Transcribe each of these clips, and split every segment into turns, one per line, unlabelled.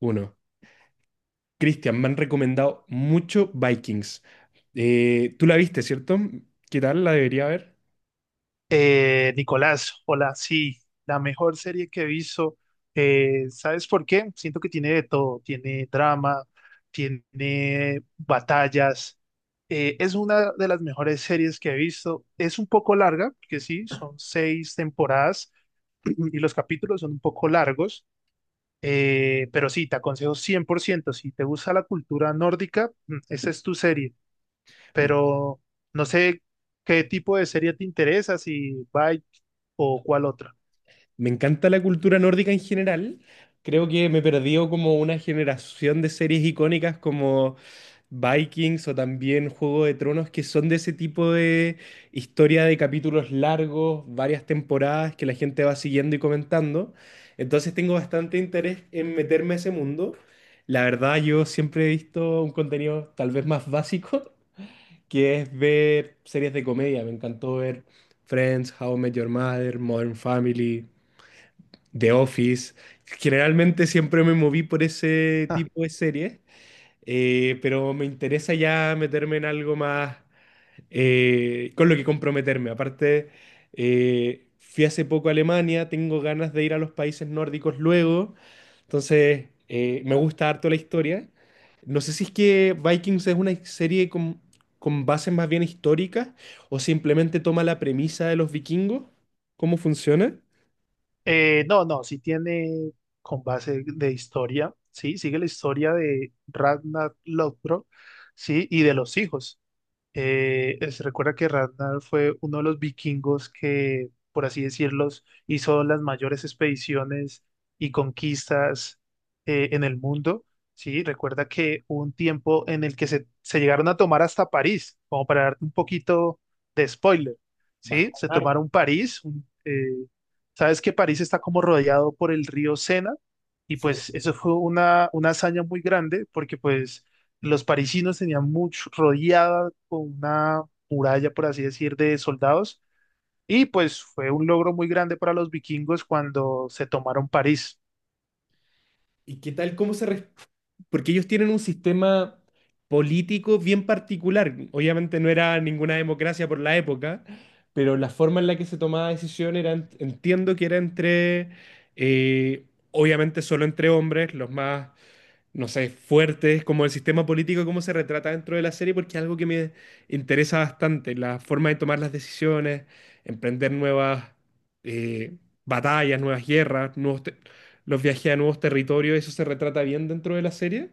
Uno. Cristian, me han recomendado mucho Vikings. Tú la viste, ¿cierto? ¿Qué tal? ¿La debería ver?
Nicolás, hola, sí, la mejor serie que he visto, ¿sabes por qué? Siento que tiene de todo, tiene drama, tiene batallas, es una de las mejores series que he visto, es un poco larga, porque sí, son seis temporadas y los capítulos son un poco largos, pero sí, te aconsejo 100%. Si te gusta la cultura nórdica, esa es tu serie,
Me
pero no sé qué tipo de serie te interesa, si Bite o cuál otra.
Me encanta la cultura nórdica en general. Creo que me perdió como una generación de series icónicas como Vikings o también Juego de Tronos, que son de ese tipo de historia de capítulos largos, varias temporadas que la gente va siguiendo y comentando. Entonces tengo bastante interés en meterme a ese mundo. La verdad, yo siempre he visto un contenido tal vez más básico, que es ver series de comedia. Me encantó ver Friends, How I Met Your Mother, Modern Family. The Office. Generalmente siempre me moví por ese
Ah,
tipo de series, pero me interesa ya meterme en algo más con lo que comprometerme. Aparte, fui hace poco a Alemania, tengo ganas de ir a los países nórdicos luego, entonces me gusta harto la historia. No sé si es que Vikings es una serie con bases más bien históricas o simplemente toma la premisa de los vikingos, ¿cómo funciona?
no, no, si tiene con base de historia, sí, sigue la historia de Ragnar Lothbrok, sí, y de los hijos. Se recuerda que Ragnar fue uno de los vikingos que, por así decirlos, hizo las mayores expediciones y conquistas en el mundo. Sí, recuerda que hubo un tiempo en el que se llegaron a tomar hasta París, como para darte un poquito de spoiler.
Bajo.
Sí, se tomaron París. Sabes que París está como rodeado por el río Sena y pues eso fue una hazaña muy grande porque pues los parisinos tenían mucho rodeada con una muralla, por así decir, de soldados. Y pues fue un logro muy grande para los vikingos cuando se tomaron París.
¿Y qué tal cómo se? Porque ellos tienen un sistema político bien particular. Obviamente no era ninguna democracia por la época, pero la forma en la que se tomaba decisión era, entiendo que era entre, obviamente solo entre hombres, los más no sé, fuertes, como el sistema político, cómo se retrata dentro de la serie, porque es algo que me interesa bastante, la forma de tomar las decisiones, emprender nuevas eh, batallas, nuevas guerras, los viajes a nuevos territorios, eso se retrata bien dentro de la serie.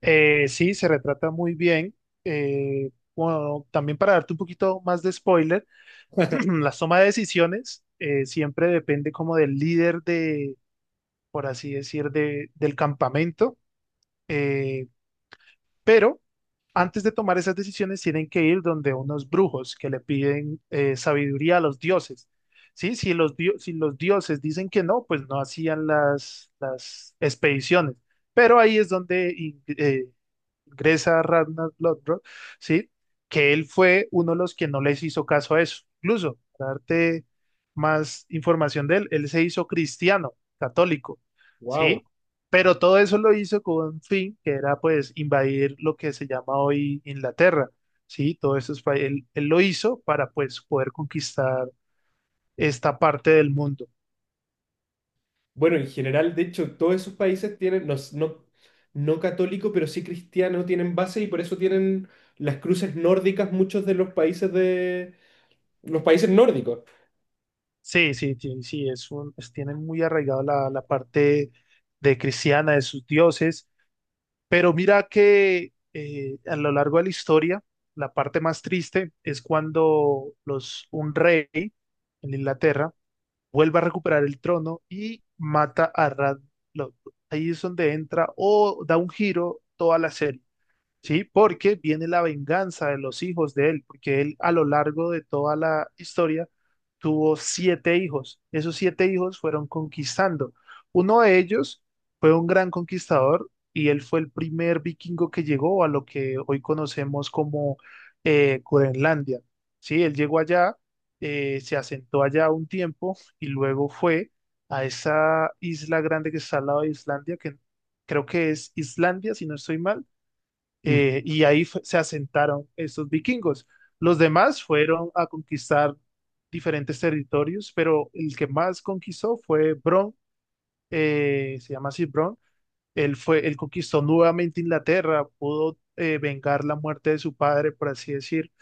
Sí, se retrata muy bien. Eh, bueno, también para darte un poquito más de spoiler, la toma de decisiones siempre depende como del líder de, por así decir, del campamento. Eh, Pero antes de tomar esas decisiones tienen que ir donde unos brujos que le piden sabiduría a los dioses. ¿Sí? Si los dioses dicen que no, pues no hacían las expediciones. Pero ahí es donde Gresa Ragnar Lodbrok, ¿sí? Que él fue uno de los que no les hizo caso a eso. Incluso, para darte más información de él, él se hizo cristiano, católico,
Wow.
¿sí? Pero todo eso lo hizo con un fin que era pues invadir lo que se llama hoy Inglaterra, ¿sí? Todo eso él lo hizo para pues poder conquistar esta parte del mundo.
Bueno, en general, de hecho, todos esos países tienen, no, no, no católico, pero sí cristiano, tienen base y por eso tienen las cruces nórdicas muchos de los países nórdicos.
Sí, sí, sí, sí, tienen muy arraigado la parte de cristiana de sus dioses. Pero mira que a lo largo de la historia, la parte más triste es cuando un rey en Inglaterra vuelve a recuperar el trono y mata a Radloff. Ahí es donde entra o da un giro toda la serie. ¿Sí? Porque viene la venganza de los hijos de él, porque él a lo largo de toda la historia tuvo siete hijos. Esos siete hijos fueron conquistando. Uno de ellos fue un gran conquistador y él fue el primer vikingo que llegó a lo que hoy conocemos como Groenlandia, ¿sí? Él llegó allá, se asentó allá un tiempo y luego fue a esa isla grande que está al lado de Islandia, que creo que es Islandia, si no estoy mal,
Mm.
y ahí se asentaron estos vikingos. Los demás fueron a conquistar diferentes territorios, pero el que más conquistó fue Bron, se llama así Bron. Él conquistó nuevamente Inglaterra, pudo vengar la muerte de su padre, por así decir.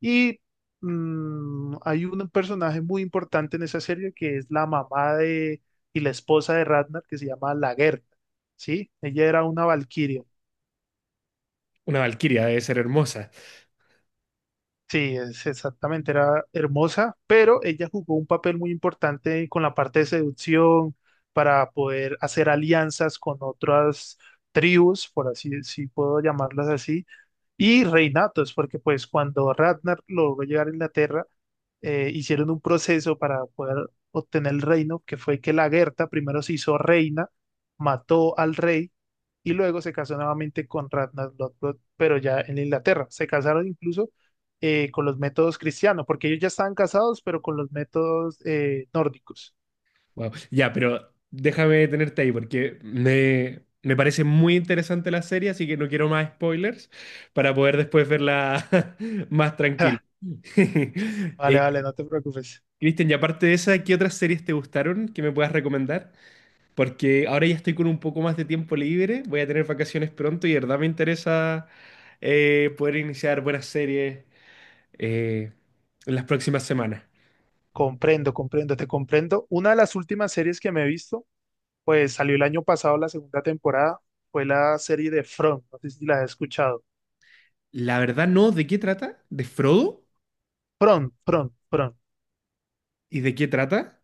Y hay un personaje muy importante en esa serie que es la mamá de y la esposa de Ragnar, que se llama Lagertha, ¿sí? Ella era una valquiria.
Una valquiria debe ser hermosa.
Sí, es exactamente, era hermosa, pero ella jugó un papel muy importante con la parte de seducción para poder hacer alianzas con otras tribus, por así, si puedo llamarlas así, y reinatos, porque pues cuando Ragnar logró llegar a Inglaterra, hicieron un proceso para poder obtener el reino, que fue que la Gerta primero se hizo reina, mató al rey y luego se casó nuevamente con Ragnar Lothbrok, pero ya en Inglaterra. Se casaron incluso con los métodos cristianos, porque ellos ya estaban casados, pero con los métodos nórdicos.
Wow. Ya, pero déjame tenerte ahí porque me parece muy interesante la serie, así que no quiero más spoilers para poder después verla más tranquilo.
Ja, vale,
Eh,
vale, no te preocupes.
Cristian, y aparte de esa, ¿qué otras series te gustaron que me puedas recomendar? Porque ahora ya estoy con un poco más de tiempo libre, voy a tener vacaciones pronto y de verdad me interesa poder iniciar buenas series eh, en las próximas semanas.
Comprendo, comprendo, te comprendo. Una de las últimas series que me he visto, pues salió el año pasado la segunda temporada, fue la serie de Front, no sé si la has escuchado.
La verdad no, ¿de qué trata? ¿De Frodo?
Front, Front, Front.
¿Y de qué trata?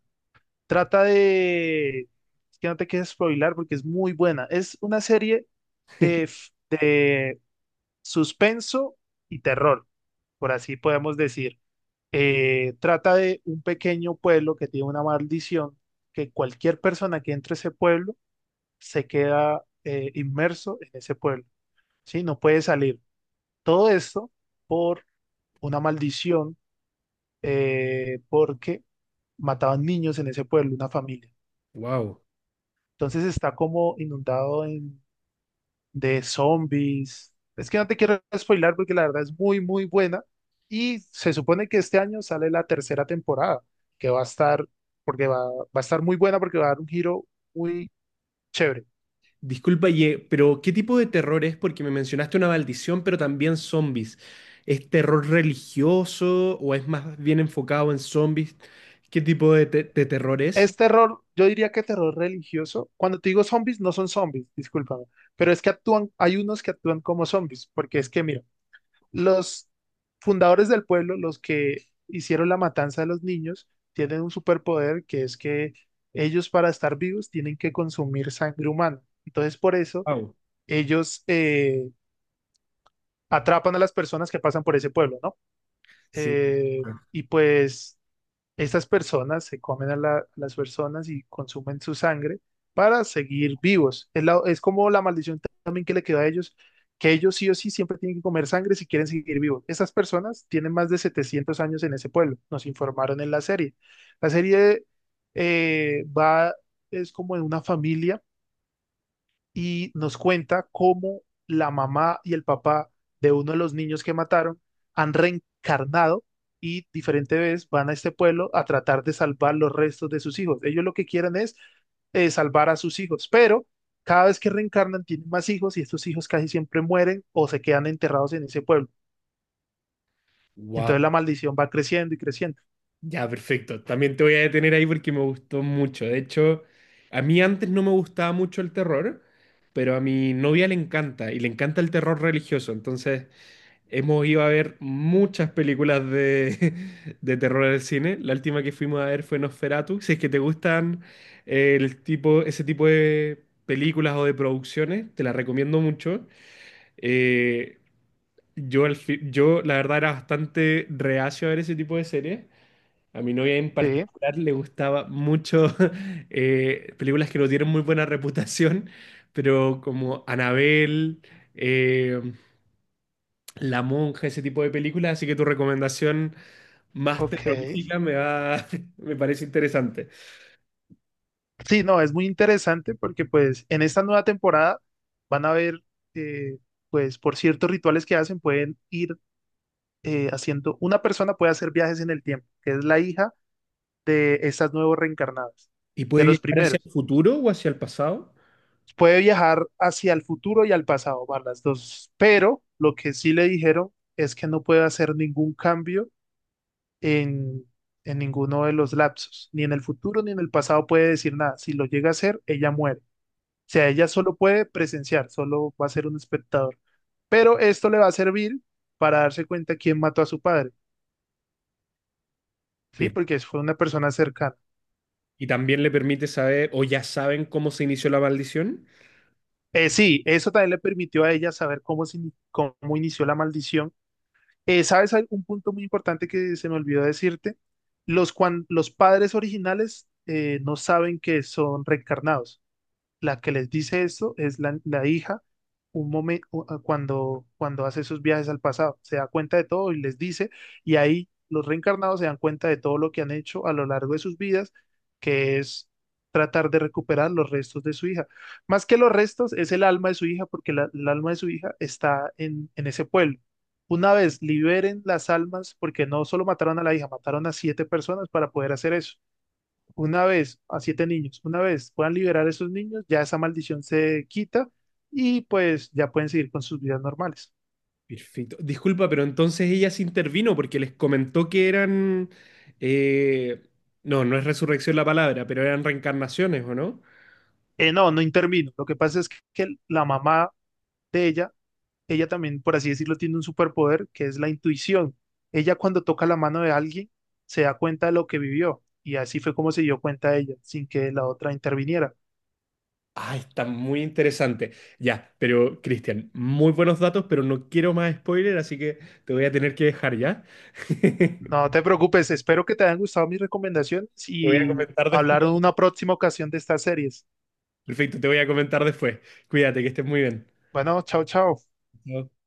Trata de... Es que no te quieres spoilar porque es muy buena. Es una serie de suspenso y terror, por así podemos decir. Trata de un pequeño pueblo que tiene una maldición, que cualquier persona que entre a ese pueblo se queda inmerso en ese pueblo, ¿sí? No puede salir. Todo esto por una maldición porque mataban niños en ese pueblo, una familia.
Wow.
Entonces está como inundado de zombies. Es que no te quiero spoilar porque la verdad es muy, muy buena. Y se supone que este año sale la tercera temporada, que va a estar, porque va a estar muy buena porque va a dar un giro muy chévere.
Disculpa, Ye, pero ¿qué tipo de terror es? Porque me mencionaste una maldición, pero también zombies. ¿Es terror religioso o es más bien enfocado en zombies? ¿Qué tipo de terror es?
Es terror, yo diría que terror religioso. Cuando te digo zombies, no son zombies, discúlpame. Pero es que actúan, hay unos que actúan como zombies, porque es que, mira, los fundadores del pueblo, los que hicieron la matanza de los niños, tienen un superpoder que es que ellos para estar vivos tienen que consumir sangre humana. Entonces por eso
Wow.
ellos atrapan a las personas que pasan por ese pueblo, ¿no?
Sí.
Y pues estas personas se comen a las personas y consumen su sangre para seguir vivos. Es como la maldición también que le quedó a ellos, que ellos sí o sí siempre tienen que comer sangre si quieren seguir vivos. Estas personas tienen más de 700 años en ese pueblo, nos informaron en la serie. La serie va, es como en una familia y nos cuenta cómo la mamá y el papá de uno de los niños que mataron han reencarnado y diferente vez van a este pueblo a tratar de salvar los restos de sus hijos. Ellos lo que quieren es salvar a sus hijos, pero cada vez que reencarnan tienen más hijos y estos hijos casi siempre mueren o se quedan enterrados en ese pueblo.
Wow.
Entonces la maldición va creciendo y creciendo.
Ya, perfecto. También te voy a detener ahí porque me gustó mucho. De hecho, a mí antes no me gustaba mucho el terror, pero a mi novia le encanta y le encanta el terror religioso. Entonces, hemos ido a ver muchas películas de, de terror en el cine. La última que fuimos a ver fue Nosferatu. Si es que te gustan ese tipo de películas o de producciones, te las recomiendo mucho. Eh, yo, yo, la verdad, era bastante reacio a ver ese tipo de series. A mi novia en
Sí,
particular le gustaba mucho películas que no tienen muy buena reputación, pero como Anabel la Monja, ese tipo de películas, así que tu recomendación más
ok.
terrorífica me parece interesante.
Sí, no, es muy interesante porque pues en esta nueva temporada van a ver, eh, pues por ciertos rituales que hacen, pueden ir haciendo, una persona puede hacer viajes en el tiempo, que es la hija de estas nuevos reencarnadas,
¿Y
de
puede
los
viajar hacia
primeros.
el futuro o hacia el pasado?
Puede viajar hacia el futuro y al pasado, van las dos, pero lo que sí le dijeron es que no puede hacer ningún cambio en, en ninguno de los lapsos, ni en el futuro ni en el pasado puede decir nada. Si lo llega a hacer, ella muere. O sea, ella solo puede presenciar, solo va a ser un espectador. Pero esto le va a servir para darse cuenta quién mató a su padre, ¿sí?
pero-
Porque fue una persona cercana.
¿Y también le permite saber, o ya saben cómo se inició la maldición?
Sí, eso también le permitió a ella saber cómo inició la maldición. ¿Sabes un punto muy importante que se me olvidó decirte? Los padres originales no saben que son reencarnados. La que les dice esto es la hija un momento cuando hace esos viajes al pasado. Se da cuenta de todo y les dice, y ahí los reencarnados se dan cuenta de todo lo que han hecho a lo largo de sus vidas, que es tratar de recuperar los restos de su hija. Más que los restos, es el alma de su hija, porque el alma de su hija está en ese pueblo. Una vez liberen las almas, porque no solo mataron a la hija, mataron a siete personas para poder hacer eso una vez a siete niños, una vez puedan liberar a esos niños, ya esa maldición se quita y pues ya pueden seguir con sus vidas normales.
Perfecto. Disculpa, pero entonces ella se intervino porque les comentó que eran, eh, no, no es resurrección la palabra, pero eran reencarnaciones, ¿o no?
No, no intervino. Lo que pasa es que la mamá de ella, ella también, por así decirlo, tiene un superpoder que es la intuición. Ella cuando toca la mano de alguien se da cuenta de lo que vivió y así fue como se dio cuenta ella, sin que la otra interviniera.
Ah, está muy interesante. Ya, pero Cristian, muy buenos datos, pero no quiero más spoiler, así que te voy a tener que dejar ya.
No te preocupes, espero que te hayan gustado mis recomendaciones
Te voy a
y
comentar después.
hablar en una próxima ocasión de estas series.
Perfecto, te voy a comentar después. Cuídate, que estés muy bien.
Bueno, chao, chao.
Chao.